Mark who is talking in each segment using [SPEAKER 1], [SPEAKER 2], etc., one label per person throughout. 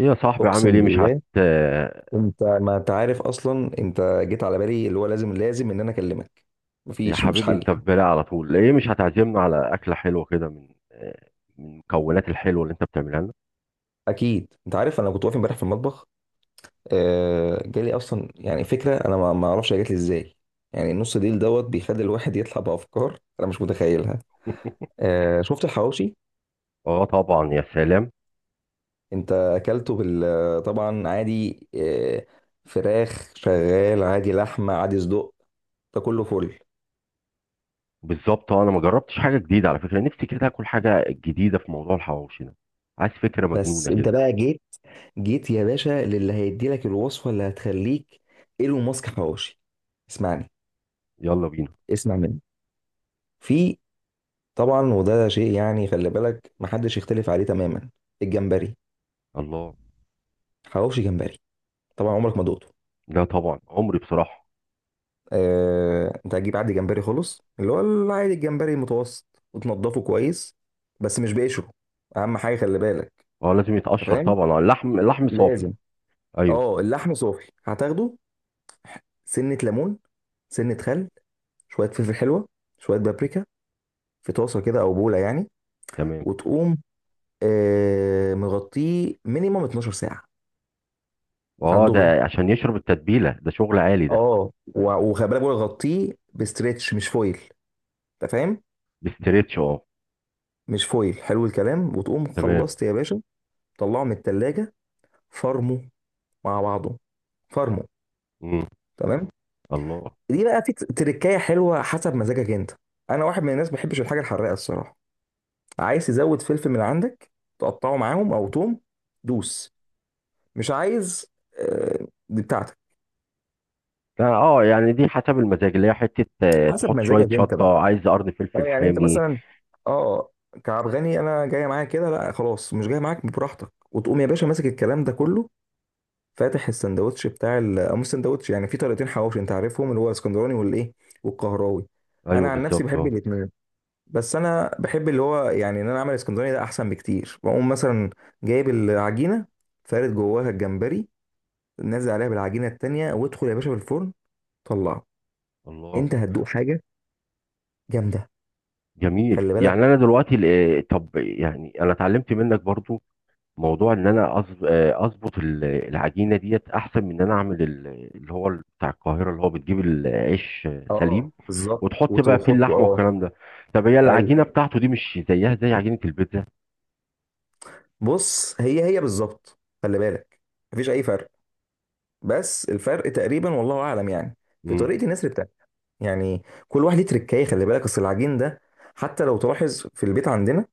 [SPEAKER 1] ايه يا صاحبي، عامل
[SPEAKER 2] اقسم
[SPEAKER 1] ايه؟ مش هت
[SPEAKER 2] بالله. انت ما انت عارف اصلا، انت جيت على بالي اللي هو لازم ان انا اكلمك.
[SPEAKER 1] يا
[SPEAKER 2] مفيش
[SPEAKER 1] حبيبي،
[SPEAKER 2] حل.
[SPEAKER 1] انت في بالي على طول. ليه مش هتعزمنا على اكله حلوه كده من المكونات الحلوه اللي انت بتعملها لنا؟
[SPEAKER 2] اكيد انت عارف، انا كنت واقف امبارح في المطبخ. جالي اصلا يعني فكره، انا ما اعرفش هي جات لي ازاي. يعني النص ديل دوت بيخلي الواحد يطلع بافكار انا مش متخيلها. شفت الحواوشي؟
[SPEAKER 1] اه، طبعا، يا سلام.
[SPEAKER 2] انت اكلته بال طبعا عادي فراخ شغال عادي، لحمه عادي، صدق، ده كله فل.
[SPEAKER 1] بالظبط، انا ما جربتش حاجه جديده. على فكره نفسي كده اكل حاجه جديده في موضوع الحواوشي ده. عايز فكره
[SPEAKER 2] بس
[SPEAKER 1] مجنونه
[SPEAKER 2] انت
[SPEAKER 1] كده.
[SPEAKER 2] بقى جيت، يا باشا، للي هيدي لك الوصفه اللي هتخليك ايلون ماسك حواوشي. اسمعني،
[SPEAKER 1] يلا بينا.
[SPEAKER 2] اسمع مني. في، طبعا وده شيء يعني خلي بالك محدش يختلف عليه تماما، الجمبري.
[SPEAKER 1] الله.
[SPEAKER 2] حواوشي جمبري. طبعا عمرك ما دقته.
[SPEAKER 1] لا طبعا، عمري، بصراحه.
[SPEAKER 2] انت هتجيب عادي جمبري، خلص، اللي هو العادي، الجمبري المتوسط، وتنضفه كويس، بس مش بقشره، اهم حاجه خلي بالك.
[SPEAKER 1] اه، لازم
[SPEAKER 2] انت
[SPEAKER 1] يتقشر
[SPEAKER 2] فاهم؟
[SPEAKER 1] طبعا. اه، اللحم اللحم صافي.
[SPEAKER 2] لازم.
[SPEAKER 1] ايوه.
[SPEAKER 2] اه اللحم صافي هتاخده. سنه ليمون، سنه خل، شويه فلفل حلوه، شويه بابريكا، في طاسه كده او بوله يعني،
[SPEAKER 1] تمام.
[SPEAKER 2] وتقوم مغطيه مينيمم 12 ساعه على
[SPEAKER 1] اه، ده
[SPEAKER 2] الدغري.
[SPEAKER 1] عشان يشرب التتبيله، ده شغل عالي ده.
[SPEAKER 2] وخلي بالك، بقول لك غطيه بستريتش مش فويل. انت فاهم؟
[SPEAKER 1] بستريتش، اه.
[SPEAKER 2] مش فويل، حلو الكلام، وتقوم
[SPEAKER 1] تمام.
[SPEAKER 2] خلصت يا باشا. طلعه من التلاجة، فرمه مع بعضه، فرمه.
[SPEAKER 1] امم.
[SPEAKER 2] تمام.
[SPEAKER 1] الله.
[SPEAKER 2] دي بقى في تركايه حلوه حسب مزاجك انت. انا واحد من الناس ما بحبش الحاجه الحراقه الصراحه. عايز تزود فلفل من عندك، تقطعه معاهم او توم، دوس. مش عايز، دي بتاعتك،
[SPEAKER 1] اه، يعني دي حسب المزاج، اللي هي حتة
[SPEAKER 2] حسب
[SPEAKER 1] تحط شوية
[SPEAKER 2] مزاجك انت بقى.
[SPEAKER 1] شطة، عايز قرن
[SPEAKER 2] اه
[SPEAKER 1] فلفل
[SPEAKER 2] يعني انت
[SPEAKER 1] حامي.
[SPEAKER 2] مثلا، اه كعب غني، انا جاي معاك كده، لا خلاص مش جاي معاك، براحتك، وتقوم يا باشا ماسك الكلام ده كله، فاتح السندوتش او مش سندوتش، يعني في طريقتين حواوشي انت عارفهم، اللي هو اسكندراني والايه، والقهراوي. انا
[SPEAKER 1] ايوه،
[SPEAKER 2] عن نفسي
[SPEAKER 1] بالظبط،
[SPEAKER 2] بحب
[SPEAKER 1] اه.
[SPEAKER 2] الاثنين، بس انا بحب اللي هو يعني ان انا اعمل اسكندراني، ده احسن بكتير. بقوم مثلا جايب العجينه، فارد جواها الجمبري، نازل عليها بالعجينه التانيه، وادخل يا باشا في الفرن. طلعه،
[SPEAKER 1] الله.
[SPEAKER 2] انت هتدوق حاجه جامده،
[SPEAKER 1] جميل.
[SPEAKER 2] خلي
[SPEAKER 1] يعني
[SPEAKER 2] بالك.
[SPEAKER 1] انا دلوقتي طب يعني انا اتعلمت منك برضو موضوع ان انا اظبط العجينة ديت احسن من ان انا اعمل اللي هو بتاع القاهرة، اللي هو بتجيب العيش
[SPEAKER 2] اه
[SPEAKER 1] سليم،
[SPEAKER 2] بالظبط،
[SPEAKER 1] وتحط بقى فيه
[SPEAKER 2] وحطه
[SPEAKER 1] اللحمة والكلام ده. طب هي
[SPEAKER 2] ايوه،
[SPEAKER 1] العجينة بتاعته دي مش زيها زي عجينة البيتزا؟
[SPEAKER 2] بص، هي هي بالظبط، خلي بالك، مفيش اي فرق. بس الفرق تقريبا، والله اعلم يعني، في
[SPEAKER 1] مم.
[SPEAKER 2] طريقه النسر بتاعتك، يعني كل واحد ليه تركايه. خلي بالك، اصل العجين ده، حتى لو تلاحظ في البيت عندنا،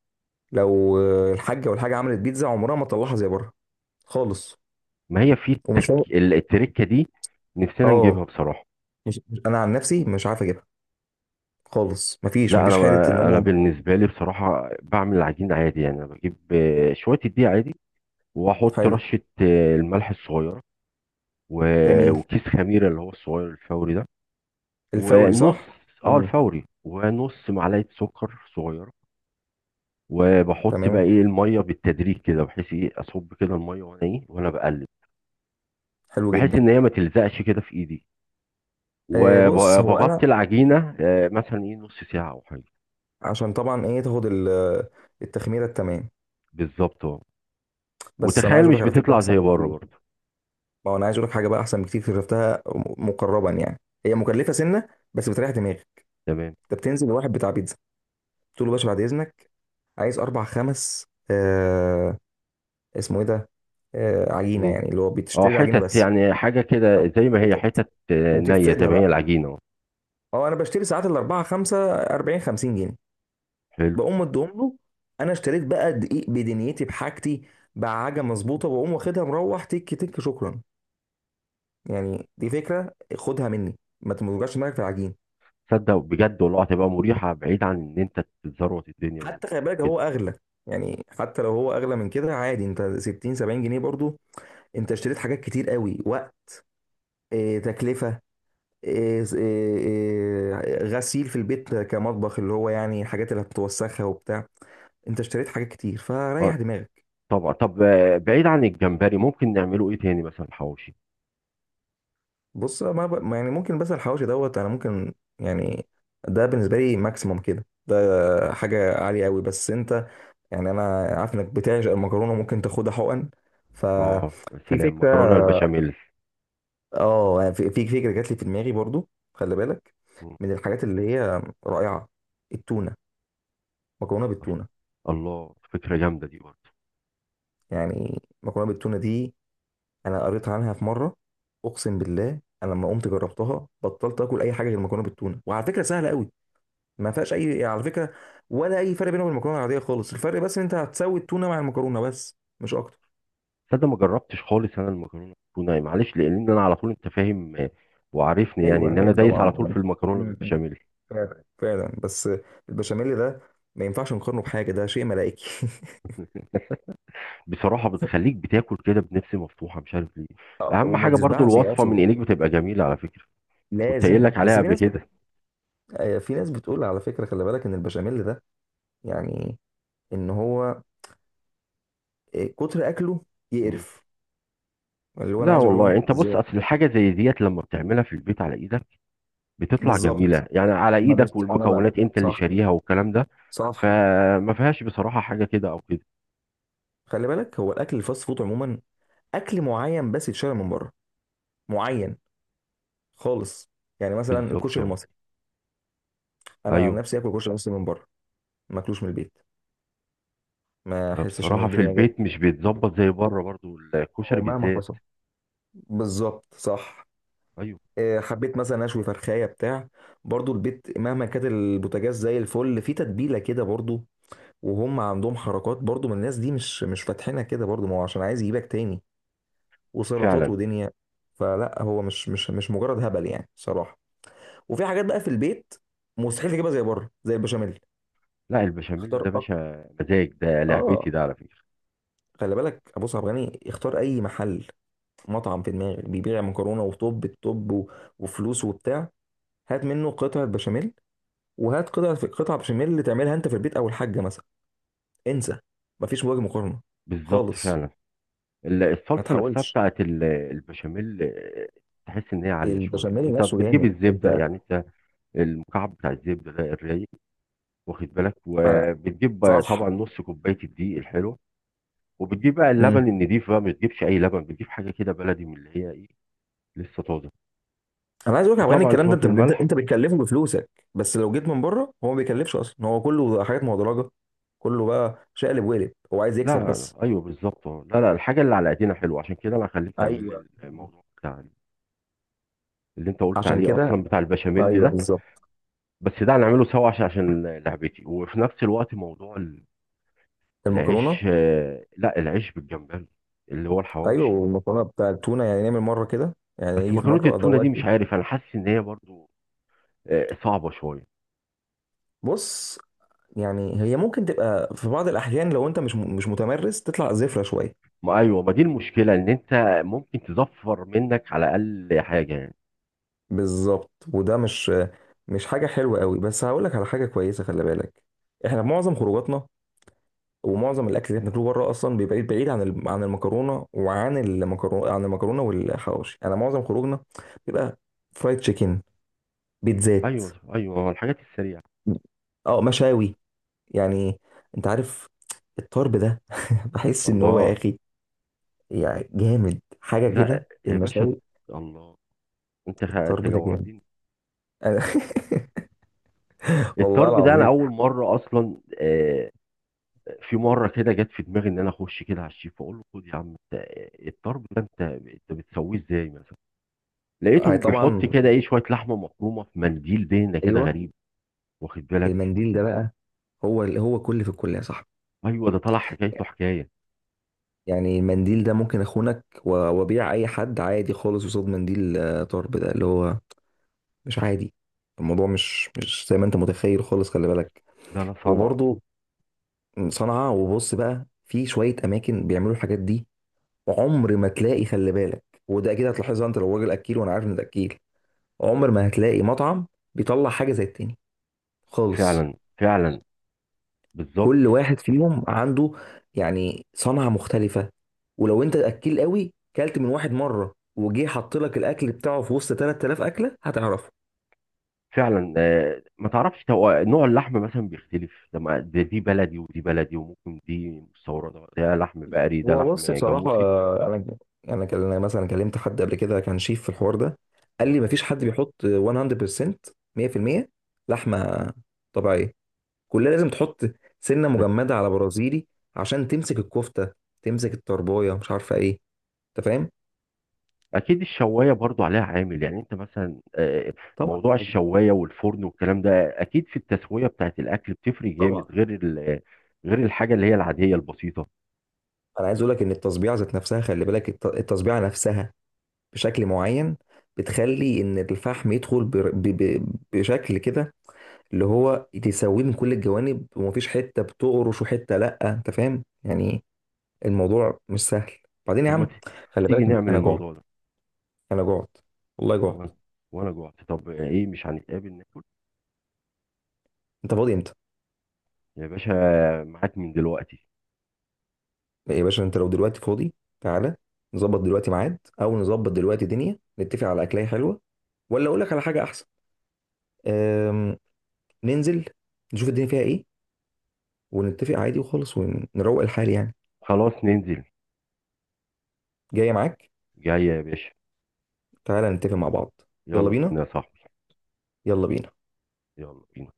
[SPEAKER 2] لو الحاجه، والحاجه عملت بيتزا عمرها ما تطلعها زي بره خالص.
[SPEAKER 1] ما هي في
[SPEAKER 2] ومش هو-
[SPEAKER 1] التركة دي، نفسنا نجيبها
[SPEAKER 2] اه
[SPEAKER 1] بصراحة.
[SPEAKER 2] مش مش- انا عن نفسي مش عارف اجيبها خالص. مفيش
[SPEAKER 1] لا، انا
[SPEAKER 2] مفيش حاله ان
[SPEAKER 1] انا
[SPEAKER 2] انا...
[SPEAKER 1] بالنسبه لي بصراحه بعمل العجين عادي. يعني انا بجيب شويه الدقيق عادي، واحط
[SPEAKER 2] حلو.
[SPEAKER 1] رشه الملح الصغيره، و-
[SPEAKER 2] جميل.
[SPEAKER 1] وكيس خميره اللي هو الصغير الفوري ده،
[SPEAKER 2] الفوري،
[SPEAKER 1] ونص.
[SPEAKER 2] صح.
[SPEAKER 1] اه،
[SPEAKER 2] امم.
[SPEAKER 1] الفوري، ونص معلقه سكر صغيره. وبحط بقى
[SPEAKER 2] تمام.
[SPEAKER 1] ايه الميه بالتدريج كده، بحيث ايه اصب كده الميه وانا ايه وانا بقلب،
[SPEAKER 2] حلو
[SPEAKER 1] بحيث
[SPEAKER 2] جدا.
[SPEAKER 1] ان هي ما تلزقش كده في ايدي.
[SPEAKER 2] بص، هو انا،
[SPEAKER 1] وبغطي العجينه مثلا ايه نص ساعه او حاجه.
[SPEAKER 2] عشان طبعا ايه تاخد التخميره التمام.
[SPEAKER 1] بالظبط، اه.
[SPEAKER 2] بس انا
[SPEAKER 1] وتخيل
[SPEAKER 2] عايز اقول
[SPEAKER 1] مش
[SPEAKER 2] لك، على فكره
[SPEAKER 1] بتطلع زي
[SPEAKER 2] احسن
[SPEAKER 1] بره
[SPEAKER 2] بكتير.
[SPEAKER 1] برضه.
[SPEAKER 2] ما هو انا عايز اقول لك حاجه بقى، احسن بكتير، شفتها مقربا يعني. هي مكلفه سنه، بس بتريح دماغي.
[SPEAKER 1] تمام.
[SPEAKER 2] انت بتنزل لواحد بتاع بيتزا، تقول له باشا بعد اذنك عايز اربع خمس اسمه ايه ده، عجينه،
[SPEAKER 1] مم.
[SPEAKER 2] يعني اللي هو
[SPEAKER 1] اه،
[SPEAKER 2] بتشتري العجينه
[SPEAKER 1] حتت،
[SPEAKER 2] بس.
[SPEAKER 1] يعني حاجة كده زي ما هي،
[SPEAKER 2] حتت،
[SPEAKER 1] حتت نية، زي
[SPEAKER 2] وتفردها
[SPEAKER 1] ما هي
[SPEAKER 2] بقى.
[SPEAKER 1] العجينة اهو.
[SPEAKER 2] اه انا بشتري ساعات الاربعه خمسه 40 50 جنيه،
[SPEAKER 1] حلو.
[SPEAKER 2] بقوم مديهم له. انا اشتريت بقى دقيق بدنيتي، بحاجتي، بعجة مظبوطه، بقوم واخدها مروح تك تك شكرا. يعني دي فكره خدها مني، ما توجعش دماغك في العجين.
[SPEAKER 1] تصدق بجد، والله هتبقى مريحة، بعيد عن ان انت تتزروت الدنيا
[SPEAKER 2] حتى خلي بالك
[SPEAKER 1] وكده.
[SPEAKER 2] هو اغلى، يعني حتى لو هو اغلى من كده عادي، انت 60 70 جنيه برضو، انت اشتريت حاجات كتير قوي، وقت. اه تكلفه. غسيل في البيت كمطبخ، اللي هو يعني الحاجات اللي هتوسخها وبتاع. انت اشتريت حاجات كتير، فريح
[SPEAKER 1] اه،
[SPEAKER 2] دماغك.
[SPEAKER 1] طبعا. طب بعيد عن الجمبري، ممكن نعمله ايه تاني؟ مثلا حواوشي.
[SPEAKER 2] بص، ما يعني ممكن، بس الحواوشي دوت انا ممكن يعني، ده بالنسبه لي ماكسيموم كده، ده حاجه عاليه قوي. بس انت، يعني انا عارف انك بتعشق المكرونه، ممكن تاخدها حقن،
[SPEAKER 1] اه يا
[SPEAKER 2] ففي
[SPEAKER 1] سلام،
[SPEAKER 2] فكره.
[SPEAKER 1] مكرونة البشاميل.
[SPEAKER 2] اه يعني في فكره جات لي في دماغي برضو، خلي بالك،
[SPEAKER 1] مم.
[SPEAKER 2] من الحاجات اللي هي رائعه، التونه، مكرونه بالتونه.
[SPEAKER 1] الله، فكرة جامدة دي برضه.
[SPEAKER 2] يعني مكرونه بالتونه دي، انا قريت عنها في مره، اقسم بالله، انا لما قمت جربتها بطلت اكل اي حاجه غير مكرونه بالتونه. وعلى فكره سهله قوي، ما فيهاش اي يعني، على فكره ولا اي فرق بينها وبين المكرونه العاديه خالص. الفرق بس ان انت هتسوي التونه مع المكرونه بس، مش اكتر.
[SPEAKER 1] تصدق ما جربتش خالص انا المكرونة بالتونة، معلش، لان انا على طول انت فاهم، وعارفني، يعني
[SPEAKER 2] ايوه،
[SPEAKER 1] ان انا
[SPEAKER 2] ايوه
[SPEAKER 1] دايس
[SPEAKER 2] طبعا
[SPEAKER 1] على طول في
[SPEAKER 2] م-
[SPEAKER 1] المكرونة
[SPEAKER 2] م.
[SPEAKER 1] بالبشاميل.
[SPEAKER 2] فعلا فعلا، بس البشاميل ده ما ينفعش نقارنه بحاجه، ده شيء ملائكي.
[SPEAKER 1] بصراحة بتخليك بتاكل كده بنفس مفتوحة، مش عارف ليه. أهم
[SPEAKER 2] وما
[SPEAKER 1] حاجة برضو
[SPEAKER 2] تشبعش يا
[SPEAKER 1] الوصفة
[SPEAKER 2] اصلا.
[SPEAKER 1] من إيديك بتبقى جميلة على فكرة. كنت قايل
[SPEAKER 2] لازم.
[SPEAKER 1] لك عليها
[SPEAKER 2] بس
[SPEAKER 1] قبل كده.
[SPEAKER 2] في ناس بتقول على فكره، خلي بالك، ان البشاميل ده يعني، ان هو كتر اكله
[SPEAKER 1] مم.
[SPEAKER 2] يقرف. اللي هو انا
[SPEAKER 1] لا
[SPEAKER 2] عايز اقول لهم
[SPEAKER 1] والله، أنت بص،
[SPEAKER 2] ازاي؟
[SPEAKER 1] أصل الحاجة زي ديت لما بتعملها في البيت على إيدك بتطلع
[SPEAKER 2] بالظبط.
[SPEAKER 1] جميلة. يعني على
[SPEAKER 2] ما بش
[SPEAKER 1] إيدك،
[SPEAKER 2] انا، لا.
[SPEAKER 1] والمكونات أنت اللي
[SPEAKER 2] صح،
[SPEAKER 1] شاريها والكلام ده،
[SPEAKER 2] صح.
[SPEAKER 1] فما فيهاش بصراحة حاجة كده أو كده.
[SPEAKER 2] خلي بالك، هو الاكل الفاست فود عموما اكل معين، بس يتشرب من بره، معين خالص. يعني مثلا
[SPEAKER 1] بالظبط،
[SPEAKER 2] الكشري
[SPEAKER 1] أه.
[SPEAKER 2] المصري، انا عن
[SPEAKER 1] أيوه.
[SPEAKER 2] نفسي اكل كشري مصري من بره، ما اكلوش من البيت، ما احسش ان
[SPEAKER 1] بصراحة في
[SPEAKER 2] الدنيا
[SPEAKER 1] البيت
[SPEAKER 2] جايه،
[SPEAKER 1] مش بيتظبط زي بره برضو الكشري
[SPEAKER 2] ومهما
[SPEAKER 1] بالذات.
[SPEAKER 2] حصل. بالظبط، صح.
[SPEAKER 1] أيوه،
[SPEAKER 2] حبيت مثلا اشوي فرخايه بتاع، برضو البيت، مهما كانت البوتاجاز زي الفل، في تتبيله كده برضو، وهم عندهم حركات برضو من الناس دي، مش فاتحينها كده برضو، ما هو عشان عايز يجيبك تاني، وسلطات
[SPEAKER 1] فعلا.
[SPEAKER 2] ودنيا. فلا، هو مش مجرد هبل يعني، صراحه. وفي حاجات بقى في البيت مستحيل تجيبها زي بره، زي البشاميل.
[SPEAKER 1] لا، البشاميل
[SPEAKER 2] اختار
[SPEAKER 1] ده
[SPEAKER 2] أك...
[SPEAKER 1] باشا مزاج، ده لعبتي
[SPEAKER 2] اه
[SPEAKER 1] ده على فكرة.
[SPEAKER 2] خلي بالك، ابو صعب غني، اختار اي محل، مطعم في دماغك بيبيع مكرونه وطب الطب وفلوس وبتاع، هات منه قطعه بشاميل، وهات قطعه بشاميل اللي تعملها انت في البيت او الحاجه مثلا. انسى، مفيش وجه مقارنه
[SPEAKER 1] بالظبط،
[SPEAKER 2] خالص.
[SPEAKER 1] فعلا.
[SPEAKER 2] ما
[SPEAKER 1] الصلصه نفسها
[SPEAKER 2] تحاولش.
[SPEAKER 1] بتاعت البشاميل، تحس ان هي عاليه شويه.
[SPEAKER 2] البشاميل
[SPEAKER 1] انت
[SPEAKER 2] نفسه
[SPEAKER 1] بتجيب
[SPEAKER 2] جامد
[SPEAKER 1] الزبده،
[SPEAKER 2] انت
[SPEAKER 1] يعني انت المكعب بتاع الزبده ده الرايق، واخد بالك.
[SPEAKER 2] ما-
[SPEAKER 1] وبتجيب بقى
[SPEAKER 2] صح.
[SPEAKER 1] طبعا نص كوبايه الدقيق الحلوه. وبتجيب بقى
[SPEAKER 2] امم.
[SPEAKER 1] اللبن النضيف بقى، ما بتجيبش اي لبن، بتجيب حاجه كده بلدي من اللي هي ايه، لسه طازه.
[SPEAKER 2] انا عايز اقول لك يا عبد الغني،
[SPEAKER 1] وطبعا
[SPEAKER 2] الكلام ده
[SPEAKER 1] شويه
[SPEAKER 2] انت
[SPEAKER 1] الملح.
[SPEAKER 2] بتكلفه بفلوسك، بس لو جيت من بره هو ما بيكلفش اصلا، هو كله حاجات مهدرجه، كله بقى شقلب وقلب، هو عايز يكسب
[SPEAKER 1] لا،
[SPEAKER 2] بس.
[SPEAKER 1] ايوه، بالظبط. لا، لا، الحاجه اللي على ايدينا حلوه. عشان كده انا هخليك تعمل
[SPEAKER 2] ايوه
[SPEAKER 1] لي الموضوع بتاع اللي انت قلت
[SPEAKER 2] عشان
[SPEAKER 1] عليه
[SPEAKER 2] كده،
[SPEAKER 1] اصلا، بتاع البشاميل
[SPEAKER 2] ايوه
[SPEAKER 1] ده.
[SPEAKER 2] بالظبط.
[SPEAKER 1] بس ده هنعمله سوا، عشان لعبتي، وفي نفس الوقت موضوع
[SPEAKER 2] المكرونه.
[SPEAKER 1] العيش. لا، العيش بالجمبري، اللي هو
[SPEAKER 2] ايوه
[SPEAKER 1] الحواوشي.
[SPEAKER 2] والمكرونه بتاع التونه، يعني نعمل مره كده، يعني
[SPEAKER 1] بس
[SPEAKER 2] يجي في
[SPEAKER 1] مكرونه
[SPEAKER 2] مره
[SPEAKER 1] التونه
[SPEAKER 2] ادوات.
[SPEAKER 1] دي مش عارف، انا حاسس ان هي برضو صعبه شويه.
[SPEAKER 2] بص، يعني هي ممكن تبقى في بعض الاحيان، لو انت مش متمرس، تطلع زفره شويه.
[SPEAKER 1] ما ايوه، ما دي المشكله، ان انت ممكن تزفر منك على الاقل حاجه يعني.
[SPEAKER 2] بالظبط، وده مش حاجه حلوه قوي، بس هقول لك على حاجه كويسه. خلي بالك، احنا معظم خروجاتنا ومعظم الاكل اللي احنا بناكله بره، اصلا بيبقى بعيد، بعيد عن المكرونه، وعن المكرونه عن المكرونه والحواوشي. انا معظم خروجنا بيبقى فرايد تشيكن، بيتزات،
[SPEAKER 1] ايوه، ايوه، الحاجات السريعه.
[SPEAKER 2] اه مشاوي، يعني انت عارف الطرب ده. بحس ان هو يا
[SPEAKER 1] الله.
[SPEAKER 2] اخي يعني جامد حاجه كده،
[SPEAKER 1] لا يا باشا.
[SPEAKER 2] المشاوي،
[SPEAKER 1] الله. انت
[SPEAKER 2] الطرب ده جامد.
[SPEAKER 1] جوعتني.
[SPEAKER 2] أنا... والله
[SPEAKER 1] الطرب ده انا
[SPEAKER 2] العظيم.
[SPEAKER 1] اول مره اصلا. في مره كده جت في دماغي ان انا اخش كده على الشيف، اقول له خد يا عم انت، الطرب ده، انت بتسويه ازاي مثلا؟
[SPEAKER 2] هي
[SPEAKER 1] لقيته بيحط
[SPEAKER 2] طبعا،
[SPEAKER 1] كده ايه شويه لحمه مفرومه في منديل دهنه كده
[SPEAKER 2] ايوه.
[SPEAKER 1] غريب، واخد بالك.
[SPEAKER 2] المنديل ده بقى، هو هو كل في الكل يا صاحبي.
[SPEAKER 1] ايوه، ده طلع حكايته حكايه.
[SPEAKER 2] يعني المنديل ده ممكن اخونك وابيع اي حد عادي خالص قصاد منديل، طرب ده، اللي هو مش عادي. الموضوع مش زي ما انت متخيل خالص. خلي بالك،
[SPEAKER 1] ده لا صنع.
[SPEAKER 2] وبرضه صنعاء. وبص بقى، في شويه اماكن بيعملوا الحاجات دي، عمر ما تلاقي. خلي بالك، وده اكيد هتلاحظها انت لو راجل اكيل، وانا عارف ان ده اكيل، عمر ما هتلاقي مطعم بيطلع حاجه زي التاني خالص.
[SPEAKER 1] فعلا، فعلا، بالظبط،
[SPEAKER 2] كل واحد فيهم عنده يعني صنعه مختلفه. ولو انت اكيل قوي، كلت من واحد مره وجه حط لك الاكل بتاعه في وسط 3000 اكله، هتعرفه.
[SPEAKER 1] فعلا. آه، ما تعرفش نوع اللحم مثلا بيختلف. ده ما- ده دي بلدي، ودي بلدي، وممكن دي مستورده، ده لحم بقري، ده
[SPEAKER 2] هو
[SPEAKER 1] لحم
[SPEAKER 2] بص بصراحه،
[SPEAKER 1] جاموسي.
[SPEAKER 2] انا أنا مثلا كلمت حد قبل كده، كان شيف في الحوار ده، قال لي مفيش حد بيحط 100%، 100% لحمه طبيعيه، كلها لازم تحط سنه مجمده على برازيلي، عشان تمسك الكفته، تمسك الطربايه، مش عارفه ايه. انت فاهم؟
[SPEAKER 1] اكيد الشوايه برضو عليها عامل، يعني انت مثلا
[SPEAKER 2] طبعا
[SPEAKER 1] موضوع
[SPEAKER 2] عادي،
[SPEAKER 1] الشوايه والفرن والكلام ده اكيد في التسويه بتاعت الاكل بتفرق
[SPEAKER 2] طبعا.
[SPEAKER 1] جامد، غير غير الحاجه اللي هي العاديه البسيطه.
[SPEAKER 2] انا عايز اقول لك، ان التصبيعه ذات نفسها، خلي بالك، التصبيعه نفسها بشكل معين، بتخلي ان الفحم يدخل بشكل كده، اللي هو تسويه من كل الجوانب، ومفيش حته بتقرش وحته لا، انت فاهم يعني. الموضوع مش سهل. بعدين يا
[SPEAKER 1] طب ما
[SPEAKER 2] عم، خلي بالك،
[SPEAKER 1] تيجي نعمل
[SPEAKER 2] انا جعت،
[SPEAKER 1] الموضوع ده؟
[SPEAKER 2] انا جعت، والله جعت.
[SPEAKER 1] وانا وانا جوعت. طب ايه، مش هنتقابل ناكل؟
[SPEAKER 2] انت فاضي امتى
[SPEAKER 1] يا باشا، معاك من دلوقتي.
[SPEAKER 2] يا باشا؟ انت لو دلوقتي فاضي تعالى، نظبط دلوقتي ميعاد، او نظبط دلوقتي دنيا، نتفق على اكلاية حلوة. ولا اقول لك على حاجة احسن، أم... ننزل نشوف الدنيا فيها ايه، ونتفق عادي وخالص، ونروق الحال يعني.
[SPEAKER 1] خلاص ننزل.
[SPEAKER 2] جاية معاك.
[SPEAKER 1] جاي يا باشا.
[SPEAKER 2] تعالى نتفق مع بعض. يلا
[SPEAKER 1] يلا
[SPEAKER 2] بينا،
[SPEAKER 1] بينا يا صاحبي.
[SPEAKER 2] يلا بينا.
[SPEAKER 1] يلا بينا.